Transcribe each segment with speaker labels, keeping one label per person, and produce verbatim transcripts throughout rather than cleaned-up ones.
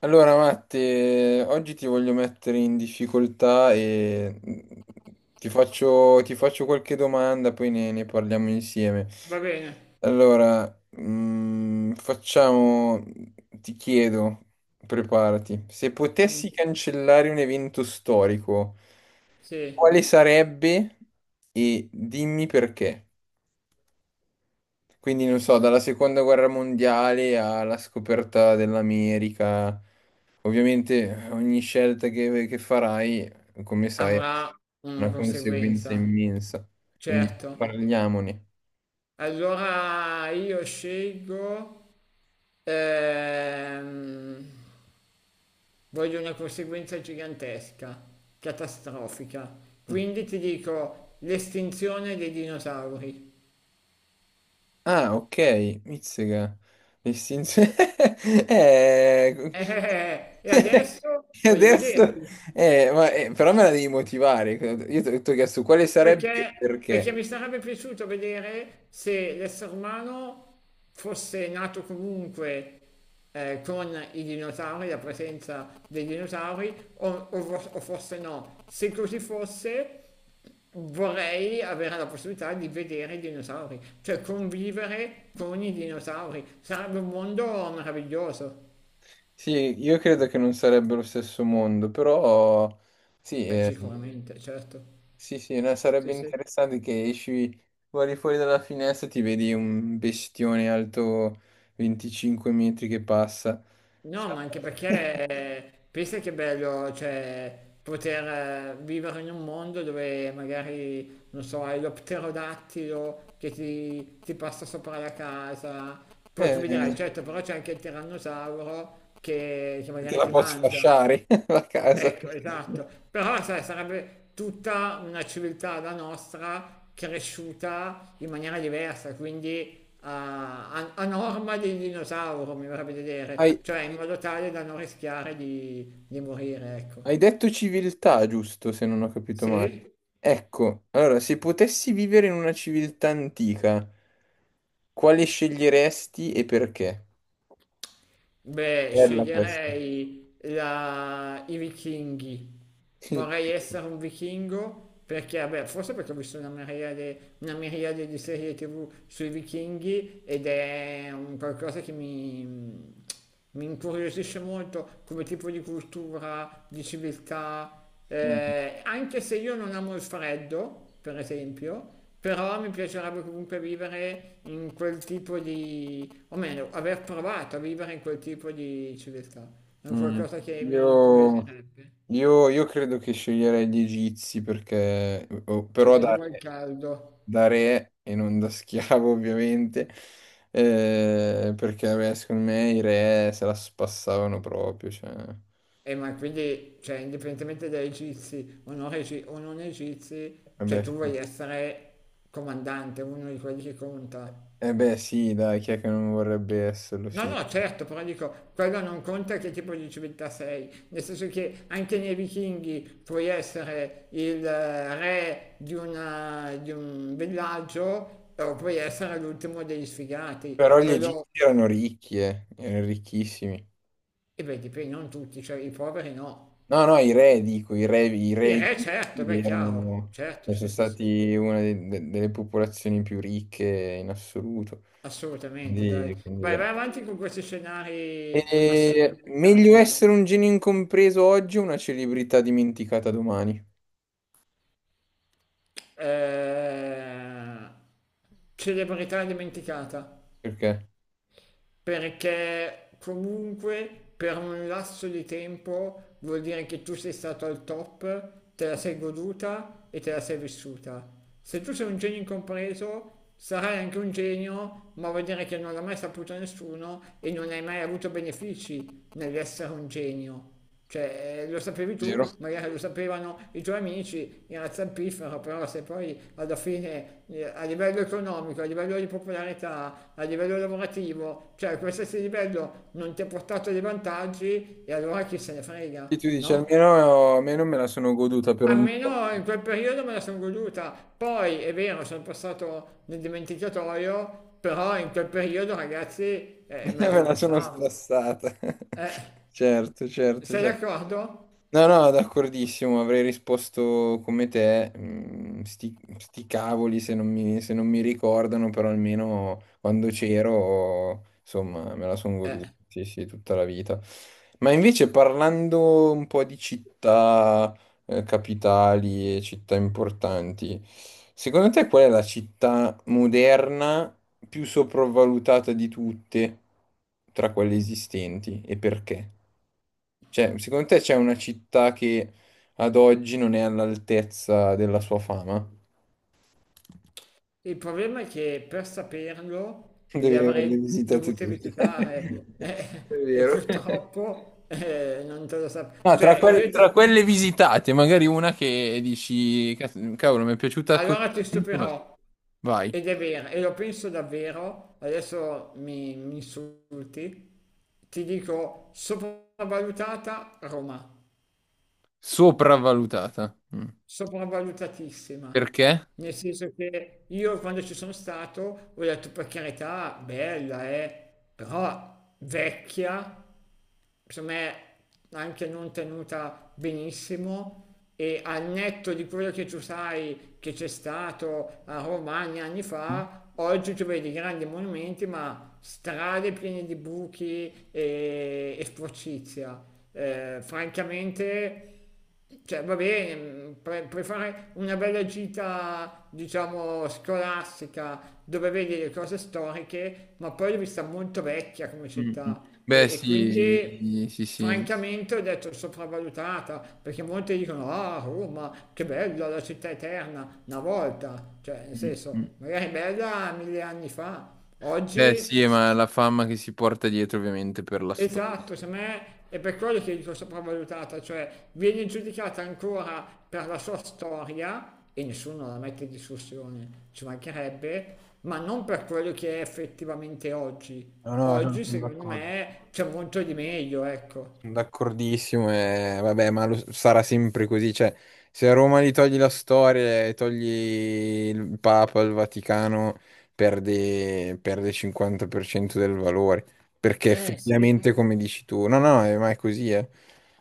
Speaker 1: Allora, Matte, oggi ti voglio mettere in difficoltà e mm, ti faccio, ti faccio qualche domanda, poi ne, ne parliamo insieme.
Speaker 2: Va bene,
Speaker 1: Allora, mm, facciamo, ti chiedo, preparati, se
Speaker 2: mm,
Speaker 1: potessi cancellare un evento storico,
Speaker 2: sì,
Speaker 1: quale sarebbe e dimmi perché? Quindi non so, dalla seconda guerra mondiale alla scoperta dell'America, ovviamente ogni scelta che, che farai, come sai, ha
Speaker 2: avrà una
Speaker 1: una conseguenza
Speaker 2: conseguenza,
Speaker 1: immensa. Quindi
Speaker 2: certo.
Speaker 1: parliamone.
Speaker 2: Allora io scelgo, ehm, voglio una conseguenza gigantesca, catastrofica. Quindi ti dico l'estinzione dei dinosauri.
Speaker 1: Ah, ok, Mizzega. L'estinzione... eh...
Speaker 2: Eh, e adesso voglio
Speaker 1: Adesso...
Speaker 2: vederti.
Speaker 1: Eh, ma, eh, però me la devi motivare. Io ti ho chiesto quale sarebbe e
Speaker 2: Perché,
Speaker 1: perché.
Speaker 2: perché mi sarebbe piaciuto vedere se l'essere umano fosse nato comunque eh, con i dinosauri, la presenza dei dinosauri, o, o vo- o forse no. Se così fosse, vorrei avere la possibilità di vedere i dinosauri, cioè convivere con i dinosauri. Sarebbe un mondo meraviglioso.
Speaker 1: Sì, io credo che non sarebbe lo stesso mondo, però sì,
Speaker 2: Beh,
Speaker 1: eh,
Speaker 2: sicuramente, certo.
Speaker 1: sì, sì, no, sarebbe interessante che esci, guardi fuori dalla finestra e ti vedi un bestione alto venticinque metri che passa.
Speaker 2: No,
Speaker 1: Ciao.
Speaker 2: ma anche perché pensa che è bello, cioè, poter eh, vivere in un mondo dove magari, non so, hai lo pterodattilo che ti, ti passa sopra la casa. Poi tu mi dirai,
Speaker 1: Eh,
Speaker 2: certo, però c'è anche il tirannosauro che, che
Speaker 1: te
Speaker 2: magari
Speaker 1: la
Speaker 2: ti
Speaker 1: posso
Speaker 2: mangia.
Speaker 1: fasciare la casa.
Speaker 2: Ecco, esatto. Però sai, sarebbe tutta una civiltà la nostra cresciuta in maniera diversa, quindi a, a- a norma del dinosauro, mi verrebbe da
Speaker 1: Hai,
Speaker 2: dire, cioè in modo tale da non rischiare di, di morire, ecco.
Speaker 1: hai detto civiltà, giusto, se non ho capito male.
Speaker 2: Sì?
Speaker 1: Ecco, allora, se potessi vivere in una civiltà antica, quale sceglieresti e perché?
Speaker 2: Beh,
Speaker 1: Bella questa.
Speaker 2: sceglierei la... i vichinghi.
Speaker 1: Sì,
Speaker 2: Vorrei
Speaker 1: perché-
Speaker 2: essere un vichingo perché, vabbè, forse perché ho visto una miriade, una miriade di serie T V sui vichinghi ed è un qualcosa che mi, mi incuriosisce molto come tipo di cultura, di civiltà,
Speaker 1: Mm,
Speaker 2: eh, anche se io non amo il freddo, per esempio, però mi piacerebbe comunque vivere in quel tipo di, o meglio, aver provato a vivere in quel tipo di civiltà. È un
Speaker 1: mm.
Speaker 2: qualcosa che mi
Speaker 1: Io,
Speaker 2: incuriosirebbe,
Speaker 1: io- io credo che sceglierei gli egizi perché, o- però
Speaker 2: perché
Speaker 1: da
Speaker 2: devo il
Speaker 1: re,
Speaker 2: caldo.
Speaker 1: da re e non da schiavo ovviamente, eh, perché vabbè, secondo me i re se la spassavano proprio. Cioè,
Speaker 2: E ma quindi, cioè, indipendentemente dai egizi o non, egi- o non egizi, cioè
Speaker 1: vabbè,
Speaker 2: tu
Speaker 1: sì.
Speaker 2: vuoi essere comandante, uno di quelli che conta.
Speaker 1: Eh beh sì, dai, chi è che non vorrebbe esserlo,
Speaker 2: No,
Speaker 1: sì.
Speaker 2: no,
Speaker 1: Sì.
Speaker 2: certo, però dico, quello non conta che tipo di civiltà sei, nel senso che anche nei vichinghi puoi essere il eh, re di, una- di un villaggio o puoi essere l'ultimo degli
Speaker 1: Però
Speaker 2: sfigati,
Speaker 1: gli egizi
Speaker 2: quello,
Speaker 1: erano ricchi, eh, erano ricchissimi.
Speaker 2: e beh, dipende, non tutti, cioè i poveri no.
Speaker 1: No, no, i re, dico, i re, i re
Speaker 2: Il re certo,
Speaker 1: egizi
Speaker 2: beh, chiaro,
Speaker 1: erano,
Speaker 2: certo,
Speaker 1: e sono
Speaker 2: sì, sì, sì,
Speaker 1: stati una de- de- delle popolazioni più ricche in assoluto.
Speaker 2: assolutamente, dai.
Speaker 1: Quindi, quindi
Speaker 2: Vai,
Speaker 1: beh.
Speaker 2: vai avanti con questi scenari
Speaker 1: E
Speaker 2: assurdi, mi
Speaker 1: meglio
Speaker 2: piacciono.
Speaker 1: essere un genio incompreso oggi o una celebrità dimenticata domani?
Speaker 2: Eh, celebrità dimenticata.
Speaker 1: Perché?
Speaker 2: Perché comunque per un lasso di tempo vuol dire che tu sei stato al top, te la sei goduta e te la sei vissuta. Se tu sei un genio incompreso, sarai anche un genio, ma vuol dire che non l'ha mai saputo nessuno e non hai mai avuto benefici nell'essere un genio. Cioè, eh, lo sapevi tu,
Speaker 1: Vero?
Speaker 2: magari lo sapevano i tuoi amici, era zampifero, però se poi alla fine eh, a livello economico, a livello di popolarità, a livello lavorativo, cioè a qualsiasi livello non ti ha portato dei vantaggi e allora chi se ne
Speaker 1: E
Speaker 2: frega,
Speaker 1: tu dici,
Speaker 2: no?
Speaker 1: almeno, almeno me la sono goduta per un po',
Speaker 2: Almeno in quel periodo me la sono goduta, poi è vero, sono passato nel dimenticatoio, però in quel periodo ragazzi eh, me
Speaker 1: me
Speaker 2: la
Speaker 1: la sono
Speaker 2: spassavo.
Speaker 1: spassata.
Speaker 2: Eh,
Speaker 1: Certo, certo,
Speaker 2: sei
Speaker 1: certo.
Speaker 2: d'accordo?
Speaker 1: No, no, d'accordissimo, avrei risposto come te, mm, sti, sti cavoli se non mi, se non mi ricordano, però almeno quando c'ero, insomma, me la sono
Speaker 2: Eh.
Speaker 1: goduta, sì, sì, tutta la vita. Ma invece parlando un po' di città, eh, capitali e città importanti, secondo te qual è la città moderna più sopravvalutata di tutte tra quelle esistenti e perché? Cioè, secondo te c'è una città che ad oggi non è all'altezza della sua fama?
Speaker 2: Il problema è che per saperlo le
Speaker 1: Devi averle
Speaker 2: avrei
Speaker 1: visitate
Speaker 2: dovute
Speaker 1: tutte.
Speaker 2: visitare
Speaker 1: È
Speaker 2: eh, e
Speaker 1: vero.
Speaker 2: purtroppo eh, non te lo sapevo.
Speaker 1: No, tra,
Speaker 2: Cioè,
Speaker 1: quel-
Speaker 2: io ti...
Speaker 1: tra quelle visitate, magari una che dici, "Cazzo, cavolo, mi è piaciuta così
Speaker 2: allora ti
Speaker 1: tanto, ma
Speaker 2: stupirò.
Speaker 1: vai,
Speaker 2: Ed è vero, e lo penso davvero, adesso mi, mi insulti, ti dico sopravvalutata Roma.
Speaker 1: sopravvalutata. Mm.
Speaker 2: Sopravvalutatissima.
Speaker 1: Perché?
Speaker 2: Nel senso che io quando ci sono stato ho detto per carità, bella, eh, però vecchia, secondo me anche non tenuta benissimo e al netto di quello che tu sai che c'è stato a Romagna anni
Speaker 1: Mm,
Speaker 2: fa, oggi tu vedi grandi monumenti ma strade piene di buchi e, e sporcizia. Eh, francamente cioè, va bene, pre- puoi fare una bella gita, diciamo, scolastica, dove vedi le cose storiche, ma poi l'ho vista molto vecchia come
Speaker 1: mm, mm.
Speaker 2: città
Speaker 1: Beh,
Speaker 2: e, e quindi,
Speaker 1: sì, sì, sì.
Speaker 2: francamente, ho detto sopravvalutata, perché molti dicono, ah, Roma, che bella, la città eterna, una volta, cioè, nel
Speaker 1: Mm, mm.
Speaker 2: senso, magari è bella mille anni fa,
Speaker 1: Beh,
Speaker 2: oggi.
Speaker 1: sì, ma la fama che si porta dietro, ovviamente, per la storia.
Speaker 2: Esatto, secondo me è per quello che dico sopravvalutata, cioè viene giudicata ancora per la sua storia e nessuno la mette in discussione, ci mancherebbe, ma non per quello che è effettivamente oggi.
Speaker 1: No, no, no,
Speaker 2: Oggi,
Speaker 1: sono
Speaker 2: secondo
Speaker 1: d'accordo.
Speaker 2: me, c'è molto di meglio, ecco.
Speaker 1: D'accordissimo, e vabbè, ma lo- sarà sempre così. Cioè, se a Roma gli togli la storia e togli il Papa, il Vaticano, perde, perde il cinquanta per cento del valore. Perché
Speaker 2: Eh sì.
Speaker 1: effettivamente, come dici tu, no, no, eh, ma è così, eh.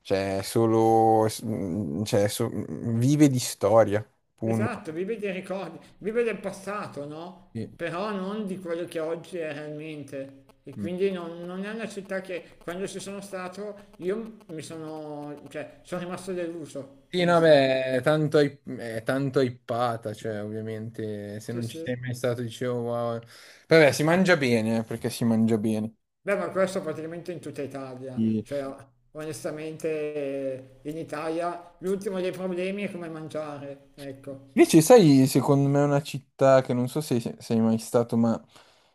Speaker 1: Cioè, è solo, s- mm, cioè, so- mhmm, vive di storia, punto.
Speaker 2: Esatto, vive dei ricordi, vive del passato, no?
Speaker 1: Sì.
Speaker 2: Però non di quello che oggi è realmente. E
Speaker 1: Mm.
Speaker 2: quindi non, non è una città che quando ci sono stato io mi sono, cioè, sono rimasto deluso,
Speaker 1: Sì, no,
Speaker 2: onestamente.
Speaker 1: beh, è tanto, hy- è tanto hypata, cioè, ovviamente, se
Speaker 2: Sì,
Speaker 1: non ci
Speaker 2: sì.
Speaker 1: sei mai stato, dicevo, wow. Vabbè, si mangia bene, eh, perché si mangia bene.
Speaker 2: Beh, ma questo praticamente in tutta Italia.
Speaker 1: E-
Speaker 2: Cioè, onestamente, eh, in Italia l'ultimo dei problemi è come mangiare, ecco.
Speaker 1: Invece, sai, secondo me è una città che non so se se sei mai stato, ma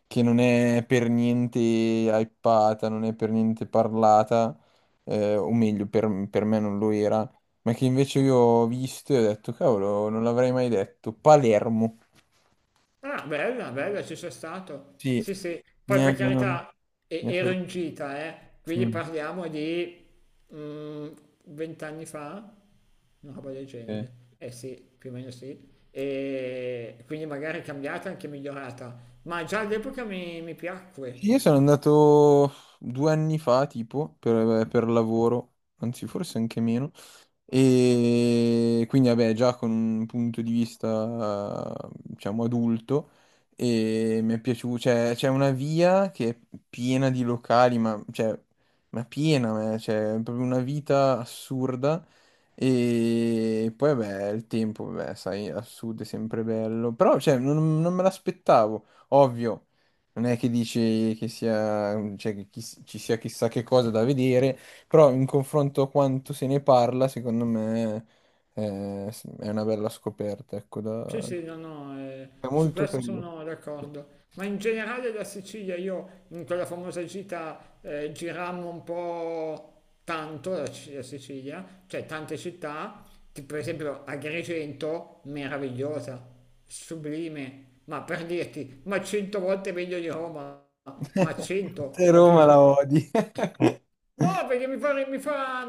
Speaker 1: che non è per niente hypata, non è per niente parlata, eh, o meglio, per, per me non lo era, ma che invece io ho visto e ho detto, cavolo, non l'avrei mai detto. Palermo.
Speaker 2: Ah, bella, bella, ci sono stato.
Speaker 1: Sì,
Speaker 2: Sì, sì. Poi
Speaker 1: mi ha...
Speaker 2: per carità, e-
Speaker 1: mi ha
Speaker 2: ero
Speaker 1: sorpreso.
Speaker 2: in gita, eh. Quindi parliamo di mm, vent'anni fa, una roba del
Speaker 1: Ok.
Speaker 2: genere. Eh sì, più o meno sì. E quindi magari è cambiata, anche migliorata. Ma già all'epoca mi, mi
Speaker 1: Io
Speaker 2: piacque.
Speaker 1: sono andato due anni fa, tipo, per, per lavoro, anzi forse anche meno, e quindi vabbè, già con un punto di vista, diciamo, adulto, e mi è piaciuto, cioè, c'è una via che è piena di locali, ma, cioè, ma piena, ma, cioè, è proprio una vita assurda, e poi vabbè, il tempo, vabbè, sai, a sud è sempre bello, però, cioè, non non me l'aspettavo, ovvio. Non è che dici che sia, cioè, che chi- ci sia chissà che cosa da vedere, però in confronto a quanto se ne parla, secondo me eh, è una bella scoperta, ecco,
Speaker 2: Sì,
Speaker 1: da...
Speaker 2: sì, no, no, eh,
Speaker 1: è
Speaker 2: su
Speaker 1: molto
Speaker 2: questo
Speaker 1: carino.
Speaker 2: sono d'accordo. Ma in generale la Sicilia, io in quella famosa gita eh, girammo un po' tanto la, C- la Sicilia, cioè tante città, che per esempio Agrigento, meravigliosa, sublime, ma per dirti, ma cento volte meglio di Roma, ma cento,
Speaker 1: Te Roma la
Speaker 2: capito?
Speaker 1: odi.
Speaker 2: No, perché mi fa, mi fa,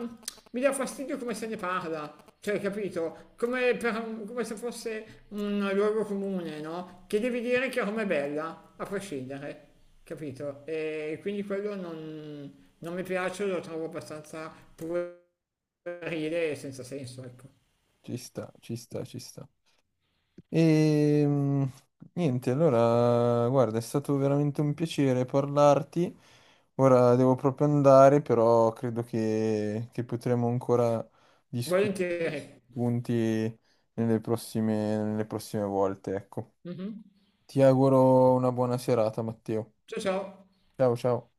Speaker 2: mi dà fastidio come se ne parla, cioè, capito? Come, per- come se fosse un luogo comune, no? Che devi dire che Roma è bella, a prescindere, capito? E quindi quello non, non mi piace, lo trovo abbastanza puerile e senza senso, ecco.
Speaker 1: Ci sta, ci sta, ci sta. E mm, niente, allora, guarda, è stato veramente un piacere parlarti. Ora devo proprio andare, però credo che, che potremo ancora discutere
Speaker 2: Volentieri.
Speaker 1: punti nelle prossime, nelle prossime volte, ecco.
Speaker 2: Mhm.
Speaker 1: Ti auguro una buona serata, Matteo.
Speaker 2: Ciao ciao.
Speaker 1: Ciao, ciao.